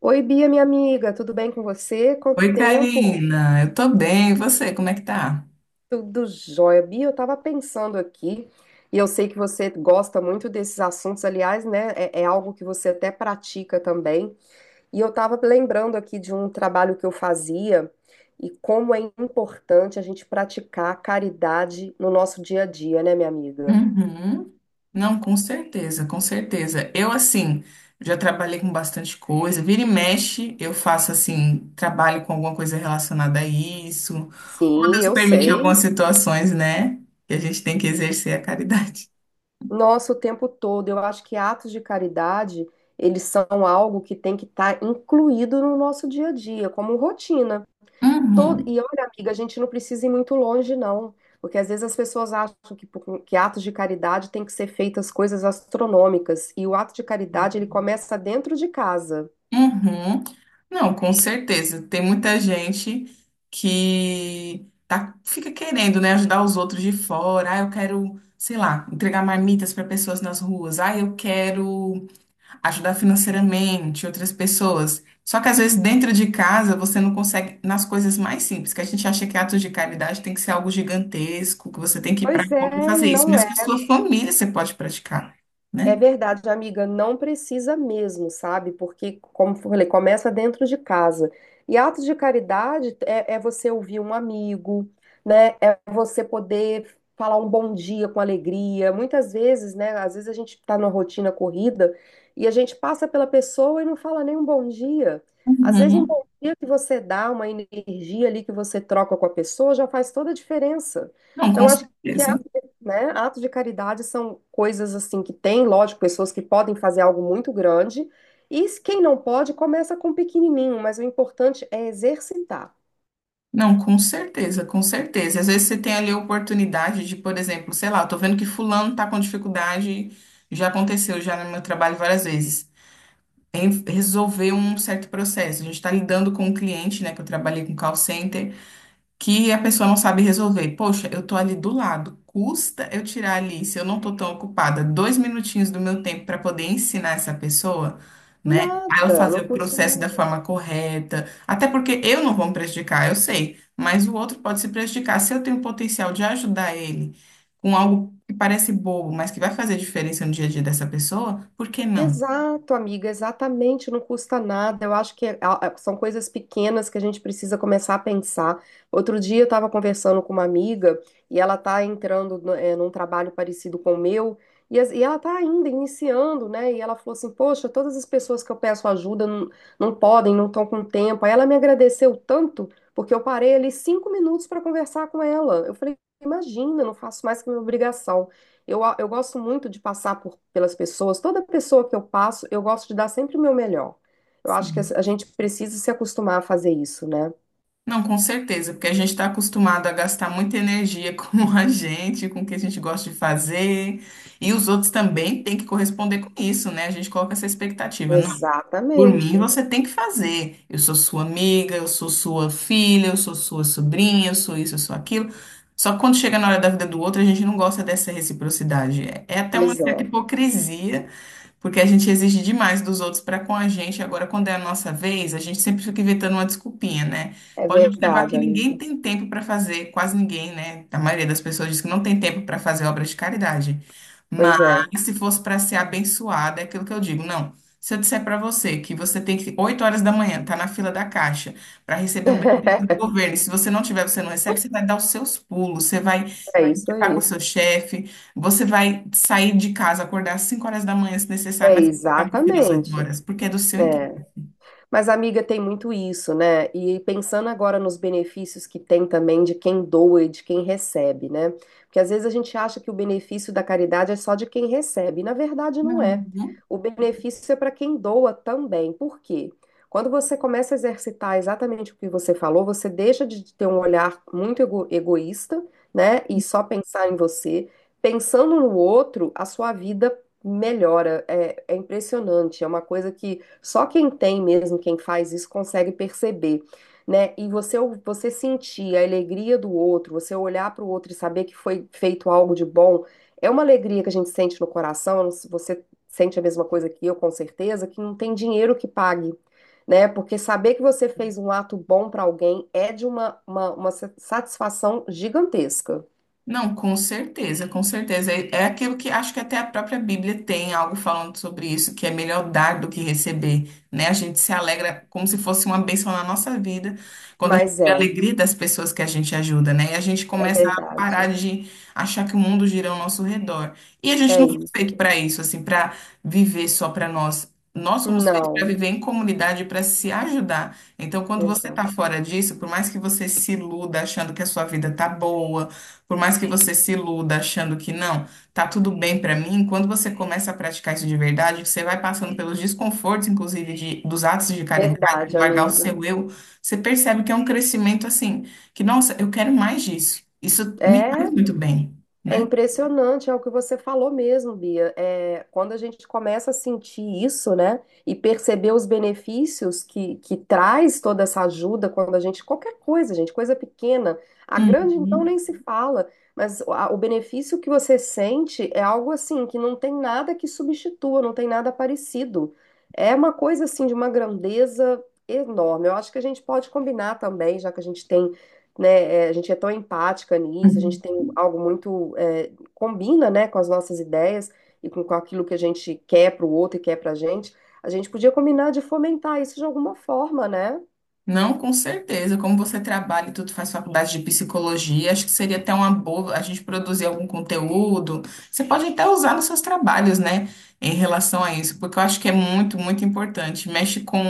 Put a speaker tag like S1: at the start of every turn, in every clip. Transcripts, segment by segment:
S1: Oi, Bia, minha amiga, tudo bem com você? Quanto
S2: Oi,
S1: tempo?
S2: Karina. Eu tô bem. E você, como é que tá?
S1: Tudo jóia. Bia, eu estava pensando aqui, e eu sei que você gosta muito desses assuntos, aliás, né? É algo que você até pratica também. E eu estava lembrando aqui de um trabalho que eu fazia e como é importante a gente praticar caridade no nosso dia a dia, né, minha amiga?
S2: Uhum. Não, com certeza, com certeza. Eu, assim, já trabalhei com bastante coisa. Vira e mexe, eu faço, assim, trabalho com alguma coisa relacionada a isso. Ou
S1: Sim,
S2: Deus
S1: eu
S2: permite algumas
S1: sei.
S2: situações, né? Que a gente tem que exercer a caridade.
S1: Nossa, o tempo todo. Eu acho que atos de caridade, eles são algo que tem que estar incluído no nosso dia a dia, como rotina.
S2: Uhum.
S1: E olha, amiga, a gente não precisa ir muito longe, não. Porque às vezes as pessoas acham que, que atos de caridade tem que ser feitas coisas astronômicas. E o ato de caridade, ele começa dentro de casa.
S2: Uhum. Não, com certeza. Tem muita gente que tá, fica querendo, né, ajudar os outros de fora. Ah, eu quero, sei lá, entregar marmitas para pessoas nas ruas. Ah, eu quero ajudar financeiramente outras pessoas. Só que às vezes dentro de casa você não consegue nas coisas mais simples, que a gente acha que atos de caridade tem que ser algo gigantesco, que você tem que ir para
S1: Pois
S2: rua e
S1: é, e
S2: fazer isso,
S1: não
S2: mas
S1: é.
S2: que a sua família você pode praticar,
S1: É
S2: né?
S1: verdade, amiga, não precisa mesmo, sabe? Porque, como eu falei, começa dentro de casa. E atos de caridade é você ouvir um amigo, né? É você poder falar um bom dia com alegria. Muitas vezes, né? Às vezes a gente tá numa rotina corrida e a gente passa pela pessoa e não fala nem um bom dia. Às vezes, um
S2: Uhum.
S1: bom dia que você dá, uma energia ali que você troca com a pessoa já faz toda a diferença.
S2: Não, com
S1: Então, acho que,
S2: certeza.
S1: né? Atos de caridade são coisas assim que tem, lógico, pessoas que podem fazer algo muito grande, e quem não pode, começa com um pequenininho, mas o importante é exercitar.
S2: Não, com certeza, com certeza. Às vezes você tem ali a oportunidade de, por exemplo, sei lá, eu tô vendo que fulano tá com dificuldade, já aconteceu já no meu trabalho várias vezes. Em resolver um certo processo. A gente está lidando com um cliente, né, que eu trabalhei com call center, que a pessoa não sabe resolver. Poxa, eu tô ali do lado. Custa eu tirar ali, se eu não tô tão ocupada, dois minutinhos do meu tempo para poder ensinar essa pessoa, né? A ela
S1: Nada,
S2: fazer
S1: não
S2: o
S1: custa
S2: processo da
S1: nada.
S2: forma correta. Até porque eu não vou me prejudicar, eu sei, mas o outro pode se prejudicar. Se eu tenho o potencial de ajudar ele com algo que parece bobo, mas que vai fazer diferença no dia a dia dessa pessoa, por que não?
S1: Exato, amiga, exatamente, não custa nada. Eu acho que é, são coisas pequenas que a gente precisa começar a pensar. Outro dia eu estava conversando com uma amiga e ela está entrando num trabalho parecido com o meu, e ela está ainda iniciando, né? E ela falou assim: Poxa, todas as pessoas que eu peço ajuda não, não podem, não estão com tempo. Aí ela me agradeceu tanto porque eu parei ali 5 minutos para conversar com ela. Eu falei: Imagina, não faço mais que minha obrigação. Eu gosto muito de passar por, pelas pessoas. Toda pessoa que eu passo, eu gosto de dar sempre o meu melhor. Eu acho que a gente precisa se acostumar a fazer isso, né?
S2: Não, com certeza, porque a gente está acostumado a gastar muita energia com a gente, com o que a gente gosta de fazer, e os outros também têm que corresponder com isso, né? A gente coloca essa expectativa. Não, por mim
S1: Exatamente.
S2: você tem que fazer. Eu sou sua amiga, eu sou sua filha, eu sou sua sobrinha, eu sou isso, eu sou aquilo. Só que quando chega na hora da vida do outro, a gente não gosta dessa reciprocidade. É até uma
S1: Pois
S2: certa
S1: é.
S2: hipocrisia porque a gente exige demais dos outros para com a gente. Agora, quando é a nossa vez, a gente sempre fica inventando uma desculpinha, né?
S1: É
S2: Pode observar
S1: verdade,
S2: que ninguém
S1: amiga.
S2: tem tempo para fazer, quase ninguém, né? A maioria das pessoas diz que não tem tempo para fazer obra de caridade. Mas
S1: Pois é.
S2: se fosse para ser abençoada, é aquilo que eu digo, não. Se eu disser para você que você tem que 8 horas da manhã, tá na fila da caixa para receber um benefício do governo, e se você não tiver, você não recebe, você vai dar os seus pulos, você vai
S1: É isso
S2: ficar com o
S1: aí.
S2: seu chefe, você vai sair de casa, acordar às 5 horas da manhã, se necessário,
S1: É,
S2: mas ficar na fila às 8
S1: exatamente.
S2: horas, porque é do seu interesse.
S1: É. Mas, amiga, tem muito isso, né? E pensando agora nos benefícios que tem também de quem doa e de quem recebe, né? Porque às vezes a gente acha que o benefício da caridade é só de quem recebe, e na verdade não é.
S2: Uhum.
S1: O benefício é para quem doa também. Por quê? Quando você começa a exercitar exatamente o que você falou, você deixa de ter um olhar muito egoísta, né? E só pensar em você. Pensando no outro, a sua vida melhora, é, é impressionante, é uma coisa que só quem tem mesmo, quem faz isso, consegue perceber, né? E você, você sentir a alegria do outro, você olhar para o outro e saber que foi feito algo de bom, é uma alegria que a gente sente no coração, eu não sei se você sente a mesma coisa que eu, com certeza, que não tem dinheiro que pague. Né? Porque saber que você fez um ato bom para alguém é de uma satisfação gigantesca.
S2: Não, com certeza, com certeza. É, é aquilo que acho que até a própria Bíblia tem algo falando sobre isso, que é melhor dar do que receber, né? A gente se alegra como se fosse uma bênção na nossa vida, quando a gente
S1: Mas
S2: vê a
S1: é,
S2: alegria das pessoas que a gente ajuda, né? E a gente
S1: é
S2: começa a parar
S1: verdade.
S2: de achar que o mundo gira ao nosso redor. E a gente
S1: É
S2: não foi
S1: isso.
S2: feito para isso, assim, para viver só para nós. Nós somos feitos para
S1: Não.
S2: viver em comunidade, para se ajudar. Então, quando você está
S1: Exato.
S2: fora disso, por mais que você se iluda achando que a sua vida tá boa, por mais que você se iluda achando que não, tá tudo bem pra mim, quando você começa a praticar isso de verdade, você vai passando pelos desconfortos, inclusive, de, dos atos de caridade, de
S1: Verdade,
S2: largar o
S1: amiga.
S2: seu eu, você percebe que é um crescimento assim, que, nossa, eu quero mais disso. Isso me faz
S1: É,
S2: muito bem,
S1: é
S2: né?
S1: impressionante, é o que você falou mesmo, Bia. É, quando a gente começa a sentir isso, né, e perceber os benefícios que traz toda essa ajuda, quando a gente, qualquer coisa, gente, coisa pequena, a grande então
S2: Uhum.
S1: nem se fala, mas o benefício que você sente é algo assim, que não tem nada que substitua, não tem nada parecido. É uma coisa assim de uma grandeza enorme. Eu acho que a gente pode combinar também, já que a gente tem, né? É, a gente é tão empática nisso, a gente tem algo muito, é, combina, né, com as nossas ideias e com aquilo que a gente quer para o outro e quer para a gente. A gente podia combinar de fomentar isso de alguma forma, né?
S2: Não, com certeza. Como você trabalha e tudo faz faculdade de psicologia, acho que seria até uma boa a gente produzir algum conteúdo. Você pode até usar nos seus trabalhos, né, em relação a isso, porque eu acho que é muito, muito importante. Mexe com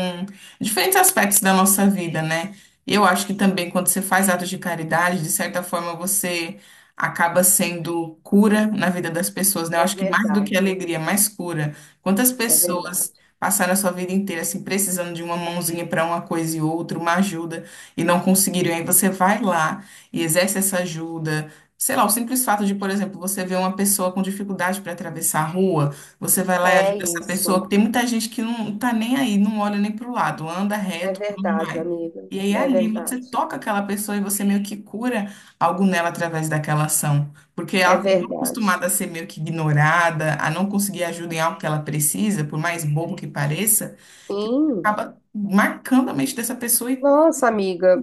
S2: diferentes aspectos da nossa vida, né? E eu acho que também quando você faz atos de caridade, de certa forma você acaba sendo cura na vida das pessoas, né? Eu
S1: É
S2: acho que mais do que
S1: verdade,
S2: alegria, mais cura. Quantas
S1: é verdade.
S2: pessoas passaram a sua vida inteira assim precisando de uma mãozinha para uma coisa e outra, uma ajuda e não conseguiram. Aí você vai lá e exerce essa ajuda. Sei lá, o simples fato de, por exemplo, você ver uma pessoa com dificuldade para atravessar a rua, você vai lá e
S1: É
S2: ajuda essa pessoa,
S1: isso.
S2: que tem muita gente que não tá nem aí, não olha nem para o lado, anda
S1: É
S2: reto por onde
S1: verdade,
S2: vai.
S1: amiga.
S2: E aí
S1: É
S2: ali você
S1: verdade.
S2: toca aquela pessoa e você meio que cura algo nela através daquela ação, porque
S1: É
S2: ela
S1: verdade.
S2: acostumada a ser meio que ignorada, a não conseguir ajuda em algo que ela precisa, por mais bobo que pareça, que
S1: Sim.
S2: acaba marcando a mente dessa pessoa e.
S1: Nossa, amiga,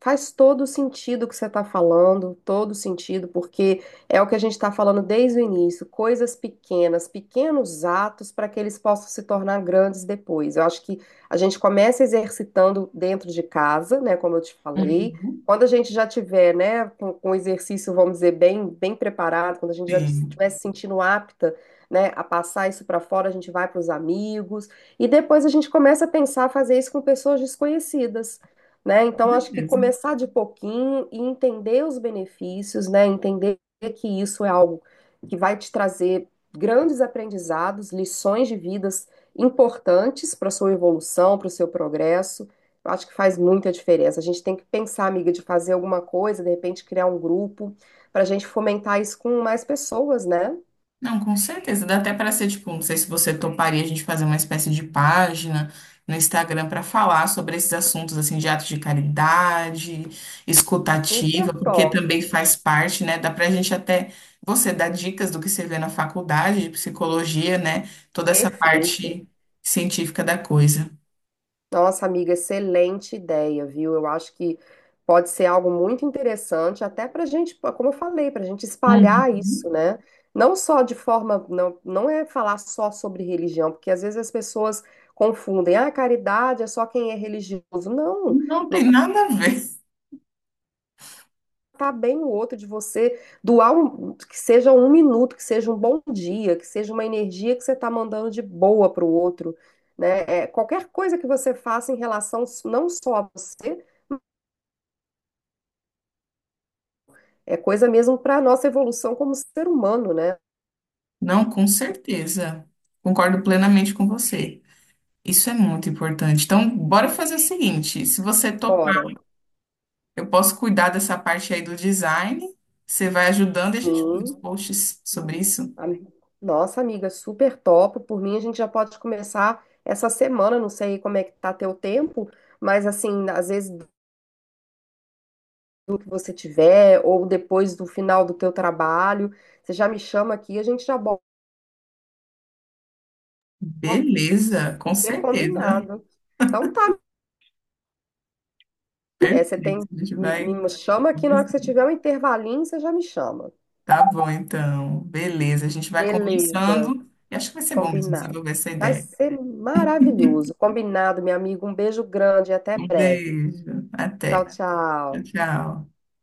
S1: faz todo sentido o que você está falando, todo sentido, porque é o que a gente está falando desde o início, coisas pequenas, pequenos atos para que eles possam se tornar grandes depois. Eu acho que a gente começa exercitando dentro de casa, né, como eu te falei.
S2: Uhum.
S1: Quando a gente já tiver, né, com o exercício, vamos dizer, bem, bem preparado, quando a gente já
S2: Sim,
S1: estiver se sentindo apta, né, a passar isso para fora, a gente vai para os amigos e depois a gente começa a pensar fazer isso com pessoas desconhecidas, né?
S2: com
S1: Então, acho que
S2: certeza.
S1: começar de pouquinho e entender os benefícios, né? Entender que isso é algo que vai te trazer grandes aprendizados, lições de vidas importantes para a sua evolução, para o seu progresso. Eu acho que faz muita diferença. A gente tem que pensar, amiga, de fazer alguma coisa, de repente criar um grupo, para a gente fomentar isso com mais pessoas, né?
S2: Não, com certeza. Dá até para ser, tipo, não sei se você toparia a gente fazer uma espécie de página no Instagram para falar sobre esses assuntos, assim, de atos de caridade, escutativa,
S1: Super
S2: porque
S1: top.
S2: também faz parte, né? Dá para a gente até, você dar dicas do que você vê na faculdade de psicologia, né? Toda essa
S1: Perfeito.
S2: parte científica da coisa.
S1: Nossa, amiga, excelente ideia, viu? Eu acho que pode ser algo muito interessante, até para a gente, como eu falei, para a gente espalhar
S2: Uhum.
S1: isso, né? Não só de forma, não, não é falar só sobre religião, porque às vezes as pessoas confundem, ah, caridade é só quem é religioso. Não,
S2: Não
S1: não,
S2: tem nada a ver.
S1: tá bem o outro de você doar um, que seja um minuto, que seja um bom dia, que seja uma energia que você está mandando de boa para o outro, né? É, qualquer coisa que você faça em relação não só a você, é coisa mesmo para a nossa evolução como ser humano, né?
S2: Não, com certeza. Concordo plenamente com você. Isso é muito importante. Então, bora fazer o seguinte: se você topar,
S1: Bora.
S2: eu posso cuidar dessa parte aí do design, você vai ajudando e a gente faz os
S1: Sim.
S2: posts sobre isso.
S1: Am- Nossa, amiga, super top. Por mim, a gente já pode começar essa semana. Não sei como é que tá teu tempo, mas assim, às vezes do que você tiver, ou depois do final do teu trabalho, você já me chama aqui, a gente já bota
S2: Beleza, com
S1: super
S2: certeza.
S1: combinado. Então tá, né? É,
S2: Perfeito.
S1: você tem,
S2: A gente vai
S1: me chama aqui na hora que você
S2: conversando.
S1: tiver um intervalinho, você já me chama.
S2: Tá bom, então. Beleza, a gente vai
S1: Beleza.
S2: conversando e acho que vai ser bom mesmo
S1: Combinado.
S2: desenvolver essa
S1: Vai
S2: ideia.
S1: ser maravilhoso. Combinado, meu amigo. Um beijo grande e até
S2: Um
S1: breve.
S2: beijo,
S1: Tchau,
S2: até. Tchau,
S1: tchau.
S2: tchau.